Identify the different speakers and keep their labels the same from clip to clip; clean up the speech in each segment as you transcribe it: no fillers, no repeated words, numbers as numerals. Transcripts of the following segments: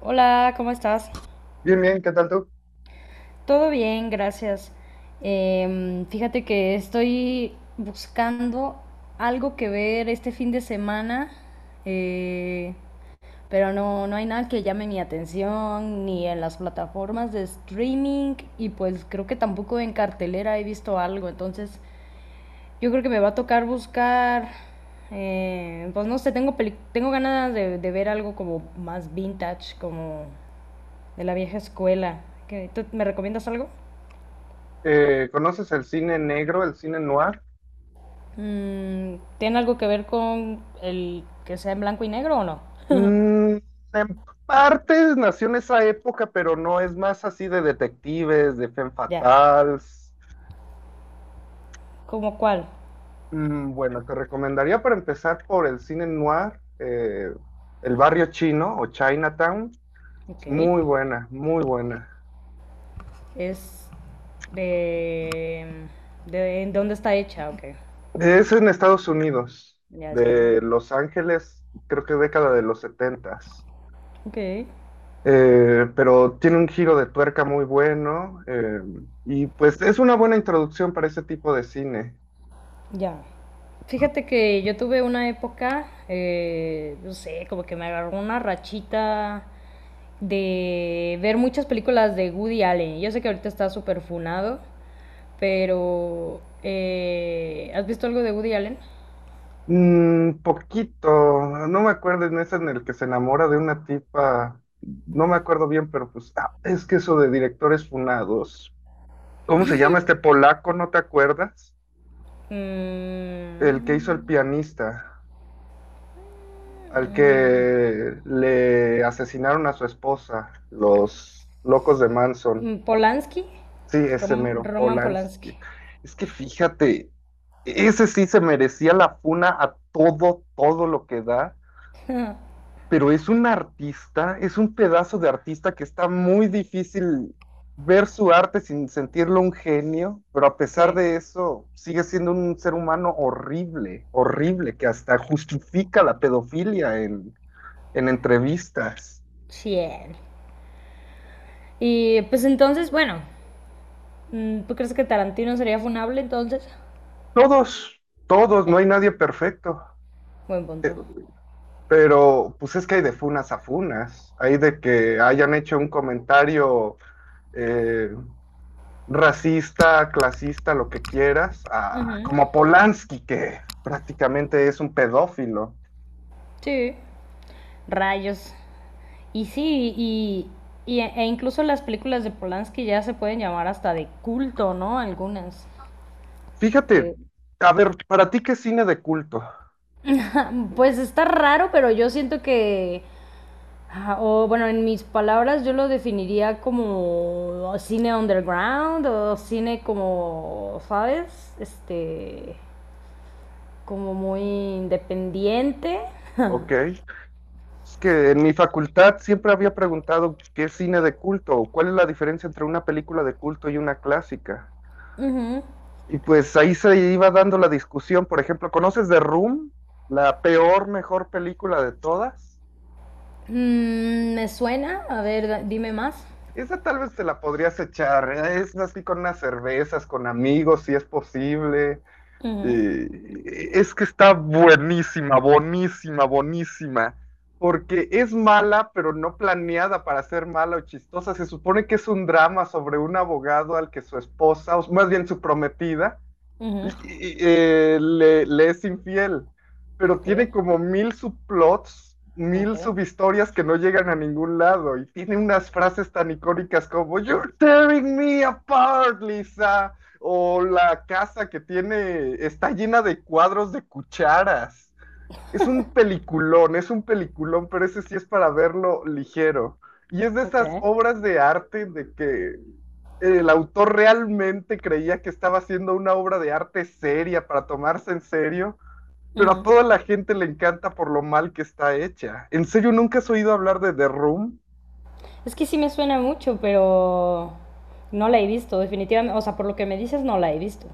Speaker 1: Hola, ¿cómo estás?
Speaker 2: Bien, bien, ¿qué tal tú?
Speaker 1: Todo bien, gracias. Fíjate que estoy buscando algo que ver este fin de semana, eh, pero no, no hay nada que llame mi atención, ni en las plataformas de streaming, y pues creo que tampoco en cartelera he visto algo, entonces yo creo que me va a tocar buscar, pues no sé, tengo ganas de ver algo como más vintage, como de la vieja escuela. ¿Me recomiendas algo?
Speaker 2: ¿Conoces el cine negro, el cine noir?
Speaker 1: ¿Tiene algo que ver con el que sea en blanco y negro o no?
Speaker 2: Mm, en partes nació en esa época, pero no es más así de detectives, de femme
Speaker 1: Ya.
Speaker 2: fatales.
Speaker 1: ¿Cómo cuál?
Speaker 2: Bueno, te recomendaría para empezar por el cine noir, El Barrio Chino o Chinatown.
Speaker 1: Ok.
Speaker 2: Es muy buena, muy buena.
Speaker 1: Es de... de ¿en dónde está hecha? Ok.
Speaker 2: Es en Estados Unidos,
Speaker 1: Ya es gringo.
Speaker 2: de Los Ángeles, creo que década de los setentas.
Speaker 1: Ok,
Speaker 2: Pero tiene un giro de tuerca muy bueno, y pues es una buena introducción para ese tipo de cine.
Speaker 1: ya. Fíjate que yo tuve una época, no sé, como que me agarró una rachita de ver muchas películas de Woody Allen. Yo sé que ahorita está súper funado, pero, ¿has visto algo de Woody Allen?
Speaker 2: Poquito, no me acuerdo en ese en el que se enamora de una tipa, no me acuerdo bien, pero pues es que eso de directores funados. ¿Cómo se llama este polaco? ¿No te acuerdas? El que hizo El
Speaker 1: Mm,
Speaker 2: pianista, al que le asesinaron a su esposa, los locos de Manson.
Speaker 1: Polanski.
Speaker 2: Sí, ese mero
Speaker 1: Roman Polanski.
Speaker 2: Polanski. Es que fíjate, ese sí se merecía la funa a todo, todo lo que da, pero es un artista, es un pedazo de artista que está muy difícil ver su arte sin sentirlo un genio, pero a pesar
Speaker 1: Sí,
Speaker 2: de eso sigue siendo un ser humano horrible, horrible, que hasta justifica la pedofilia en entrevistas.
Speaker 1: sí. Él. Y pues entonces, bueno, ¿tú crees que Tarantino sería funable entonces?
Speaker 2: Todos, todos, no
Speaker 1: Sí,
Speaker 2: hay nadie perfecto.
Speaker 1: buen
Speaker 2: Eh,
Speaker 1: punto.
Speaker 2: Pero pues es que hay de funas a funas, hay de que hayan hecho un comentario eh, racista, clasista, lo que quieras,
Speaker 1: Ujú.
Speaker 2: como Polanski, que prácticamente es un pedófilo.
Speaker 1: Sí, rayos. Y sí, e incluso las películas de Polanski ya se pueden llamar hasta de culto, ¿no? Algunas.
Speaker 2: Fíjate, a ver, ¿para ti qué es cine de culto?
Speaker 1: Pues está raro, pero yo siento que, o bueno, en mis palabras yo lo definiría como cine underground o cine como, ¿sabes? Este, como muy independiente.
Speaker 2: Ok, es que en mi facultad siempre había preguntado qué es cine de culto, o cuál es la diferencia entre una película de culto y una clásica.
Speaker 1: Ujú.
Speaker 2: Y pues ahí se iba dando la discusión, por ejemplo, ¿conoces The Room? La peor, mejor película de todas.
Speaker 1: Me suena, a ver, dime más.
Speaker 2: Esa tal vez te la podrías echar, ¿eh? Es así con unas cervezas, con amigos, si es posible.
Speaker 1: Ujú,
Speaker 2: Eh, es que está buenísima, buenísima, buenísima, porque es mala, pero no planeada para ser mala o chistosa. Se supone que es un drama sobre un abogado al que su esposa, o más bien su prometida, y-
Speaker 1: ujú.
Speaker 2: le es infiel, pero
Speaker 1: Ok,
Speaker 2: tiene como mil subplots,
Speaker 1: ok,
Speaker 2: mil subhistorias que no llegan a ningún lado y tiene unas frases tan icónicas como You're tearing me apart, Lisa, o la casa que tiene está llena de cuadros de cucharas. Es un peliculón, pero ese sí es para verlo ligero. Y es de esas
Speaker 1: ok.
Speaker 2: obras de arte de que el autor realmente creía que estaba haciendo una obra de arte seria para tomarse en serio, pero a
Speaker 1: Ujú.
Speaker 2: toda la gente le encanta por lo mal que está hecha. ¿En serio nunca has oído hablar de The Room?
Speaker 1: Es que sí me suena mucho, pero no la he visto, definitivamente. O sea, por lo que me dices, no la he visto.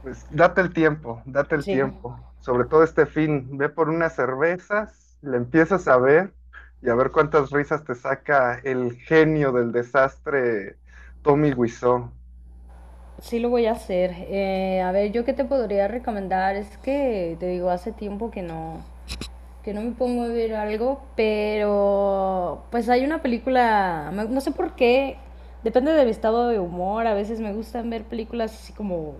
Speaker 2: Pues date el
Speaker 1: Sí,
Speaker 2: tiempo, sobre todo este fin, ve por unas cervezas, le empiezas a ver y a ver cuántas risas te saca el genio del desastre, Tommy Wiseau.
Speaker 1: sí lo voy a hacer. A ver, yo qué te podría recomendar es que te digo, hace tiempo que no me pongo a ver algo, pero pues hay una película, no sé por qué, depende de mi estado de humor, a veces me gustan ver películas así como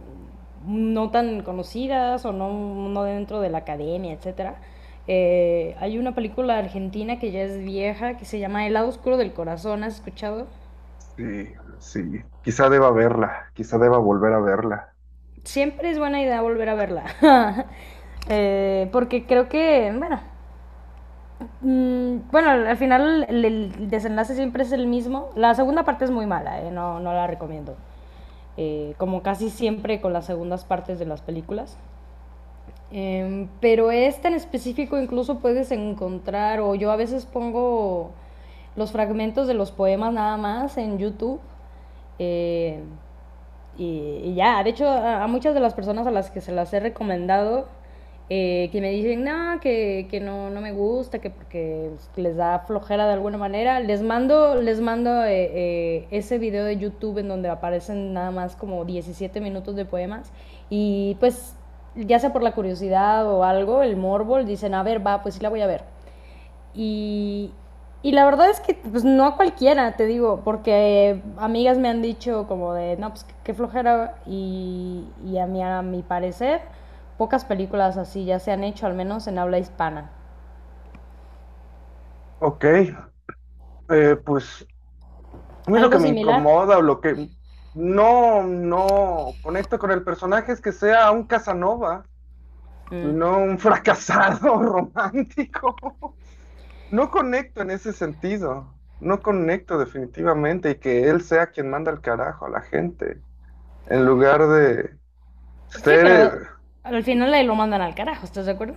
Speaker 1: no tan conocidas o no, no dentro de la academia, etcétera. Hay una película argentina que ya es vieja, que se llama El lado oscuro del corazón, ¿has escuchado?
Speaker 2: Sí, sí, quizá deba verla, quizá deba volver a verla.
Speaker 1: Siempre es buena idea volver a verla. Porque creo que, bueno, bueno, al final el desenlace siempre es el mismo. La segunda parte es muy mala, no, no la recomiendo. Como casi siempre con las segundas partes de las películas. Pero esta en específico incluso puedes encontrar, o yo a veces pongo los fragmentos de los poemas nada más en YouTube. Eh, y ya, de hecho, a muchas de las personas a las que se las he recomendado, que me dicen, no, que no, no, me gusta, que porque les da flojera de alguna manera, les mando ese video de YouTube en donde aparecen nada más como 17 minutos de poemas. Y pues, ya sea por la curiosidad o algo, el morbo, dicen, a ver, va, pues sí la voy a ver. Y, y la verdad es que pues no a cualquiera, te digo, porque amigas me han dicho como de, no, pues qué flojera y a mí, a mi parecer, pocas películas así ya se han hecho, al menos en habla hispana.
Speaker 2: Ok, pues a mí lo que
Speaker 1: ¿Algo
Speaker 2: me
Speaker 1: similar?
Speaker 2: incomoda o lo que no, no conecto con el personaje es que sea un Casanova y
Speaker 1: Mm.
Speaker 2: no un fracasado romántico. No conecto en ese sentido, no conecto definitivamente y que él sea quien manda el carajo a la gente, en lugar de
Speaker 1: Sí,
Speaker 2: ser,
Speaker 1: pero al final ahí lo mandan al carajo, ¿estás de acuerdo?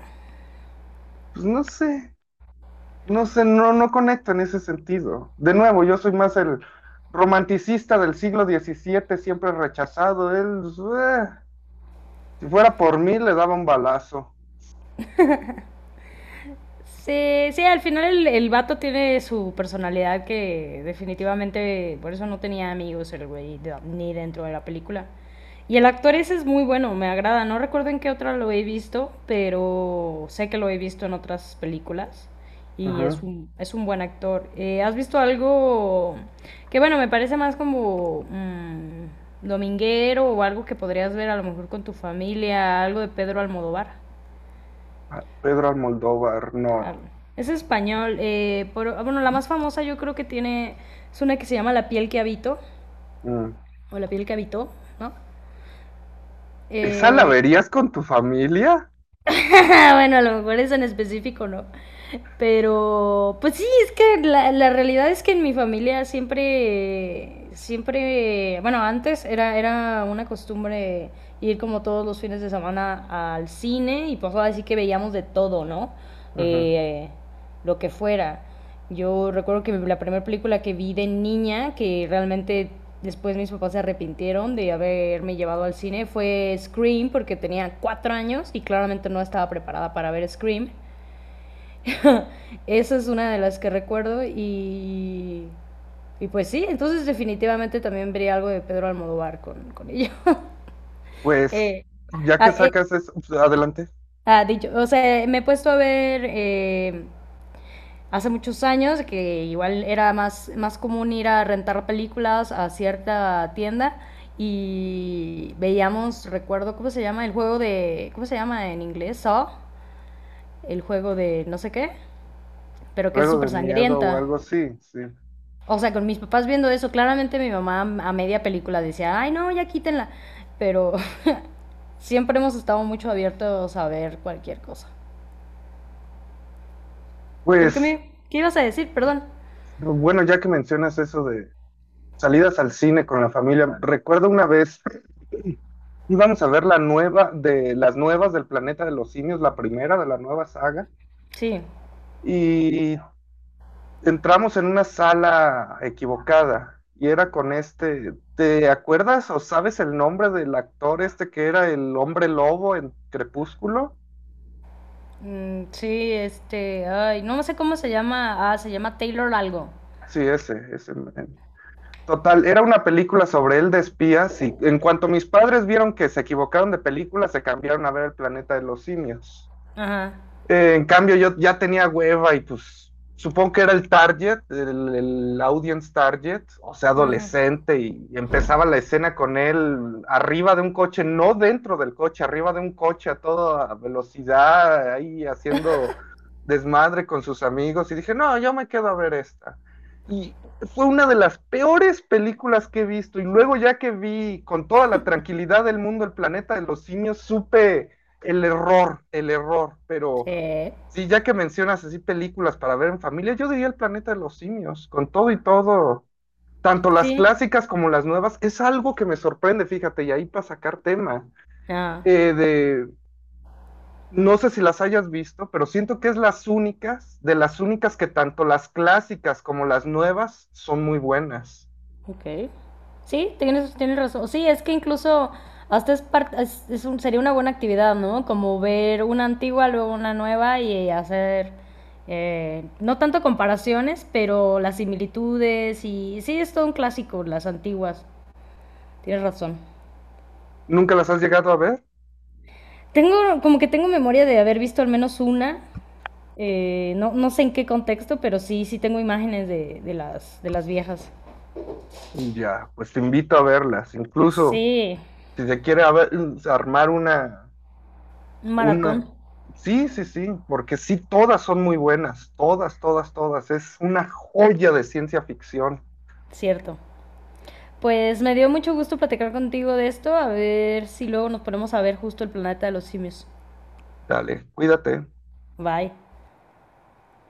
Speaker 2: pues no sé, no sé, no, no conecto en ese sentido. De nuevo, yo soy más el romanticista del siglo XVII, siempre rechazado, él, pues, eh, si fuera por mí, le daba un balazo.
Speaker 1: Sí, sí, al final el vato tiene su personalidad que definitivamente por eso no tenía amigos el güey ni dentro de la película. Y el actor ese es muy bueno, me agrada. No recuerdo en qué otra lo he visto, pero sé que lo he visto en otras películas y
Speaker 2: Ujú.
Speaker 1: es un buen actor. ¿Has visto algo que, bueno, me parece más como dominguero o algo que podrías ver a lo mejor con tu familia, algo de Pedro Almodóvar?
Speaker 2: Pedro Almodóvar, no.
Speaker 1: Jalo. Es español. Bueno, la más famosa yo creo que tiene. Es una que se llama La piel que habito.
Speaker 2: Mm.
Speaker 1: O La piel que habitó, ¿no?
Speaker 2: ¿Esa la
Speaker 1: Eh,
Speaker 2: verías con tu familia?
Speaker 1: bueno, a lo mejor es en específico, ¿no? Pero pues sí, es que la realidad es que en mi familia siempre. Siempre. Bueno, antes era una costumbre ir como todos los fines de semana al cine y pues ahora sí que veíamos de todo, ¿no?
Speaker 2: Ujú.
Speaker 1: Eh, lo que fuera. Yo recuerdo que la primera película que vi de niña, que realmente después mis papás se arrepintieron de haberme llevado al cine, fue Scream, porque tenía 4 años y claramente no estaba preparada para ver Scream. Esa es una de las que recuerdo y pues sí, entonces definitivamente también vería algo de Pedro Almodóvar con ello.
Speaker 2: Pues.
Speaker 1: Eh,
Speaker 2: Ya
Speaker 1: ah,
Speaker 2: que
Speaker 1: eh,
Speaker 2: sacas eso, pues, adelante.
Speaker 1: dicho, o sea, me he puesto a ver hace muchos años, que igual era más común ir a rentar películas a cierta tienda y veíamos, recuerdo, ¿cómo se llama? El juego de, ¿cómo se llama en inglés? Saw, el juego de no sé qué, pero que es
Speaker 2: Pero de
Speaker 1: súper
Speaker 2: miedo o
Speaker 1: sangrienta.
Speaker 2: algo así, sí.
Speaker 1: O sea, con mis papás viendo eso, claramente mi mamá a media película decía, ay no, ya quítenla, pero siempre hemos estado mucho abiertos a ver cualquier cosa. Pero
Speaker 2: Pues,
Speaker 1: ¿qué ibas a decir? Perdón.
Speaker 2: bueno, ya que mencionas eso de salidas al cine con la familia, recuerdo una vez, íbamos a ver de las nuevas del Planeta de los Simios, la primera de la nueva saga,
Speaker 1: Sí.
Speaker 2: y entramos en una sala equivocada, y era con este, ¿te acuerdas o sabes el nombre del actor este que era el hombre lobo en Crepúsculo?
Speaker 1: Sí, este, ay, no sé cómo se llama. Ah, se llama Taylor algo.
Speaker 2: Sí, ese, ese. Total, era una película sobre él de espías y en cuanto mis padres vieron que se equivocaron de película, se cambiaron a ver el planeta de los simios.
Speaker 1: Ajá.
Speaker 2: En cambio, yo ya tenía hueva y pues supongo que era el target, el audience target, o sea,
Speaker 1: Ajá.
Speaker 2: adolescente, y empezaba la escena con él arriba de un coche, no dentro del coche, arriba de un coche a toda velocidad, ahí haciendo desmadre con sus amigos, y dije, no, yo me quedo a ver esta. Y fue una de las peores películas que he visto, y luego ya que vi con toda la tranquilidad del mundo el planeta de los simios, supe el error, pero
Speaker 1: Sí.
Speaker 2: sí, ya que mencionas así películas para ver en familia, yo diría El planeta de los simios, con todo y todo, tanto las
Speaker 1: Sí.
Speaker 2: clásicas como las nuevas, es algo que me sorprende, fíjate, y ahí para sacar tema,
Speaker 1: Ah,
Speaker 2: eh, de, no sé si las hayas visto, pero siento que es las únicas, de las únicas que tanto las clásicas como las nuevas son muy buenas.
Speaker 1: ok. Sí, tienes razón. Sí, es que incluso hasta es, par- es un- sería una buena actividad, ¿no? Como ver una antigua, luego una nueva y hacer, no tanto comparaciones, pero las similitudes y sí, es todo un clásico, las antiguas. Tienes razón.
Speaker 2: ¿Nunca las has llegado a ver?
Speaker 1: Como que tengo memoria de haber visto al menos una. No, no sé en qué contexto, pero sí, sí tengo imágenes de las viejas.
Speaker 2: Ya, pues te invito a verlas, incluso
Speaker 1: Sí,
Speaker 2: si se quiere armar una
Speaker 1: un
Speaker 2: Una,
Speaker 1: maratón,
Speaker 2: sí, sí, sí, porque sí, todas son muy buenas, todas, todas, todas. Es una joya de ciencia ficción.
Speaker 1: cierto. Pues me dio mucho gusto platicar contigo de esto, a ver si luego nos ponemos a ver justo el Planeta de los Simios.
Speaker 2: Dale, cuídate.
Speaker 1: Bye.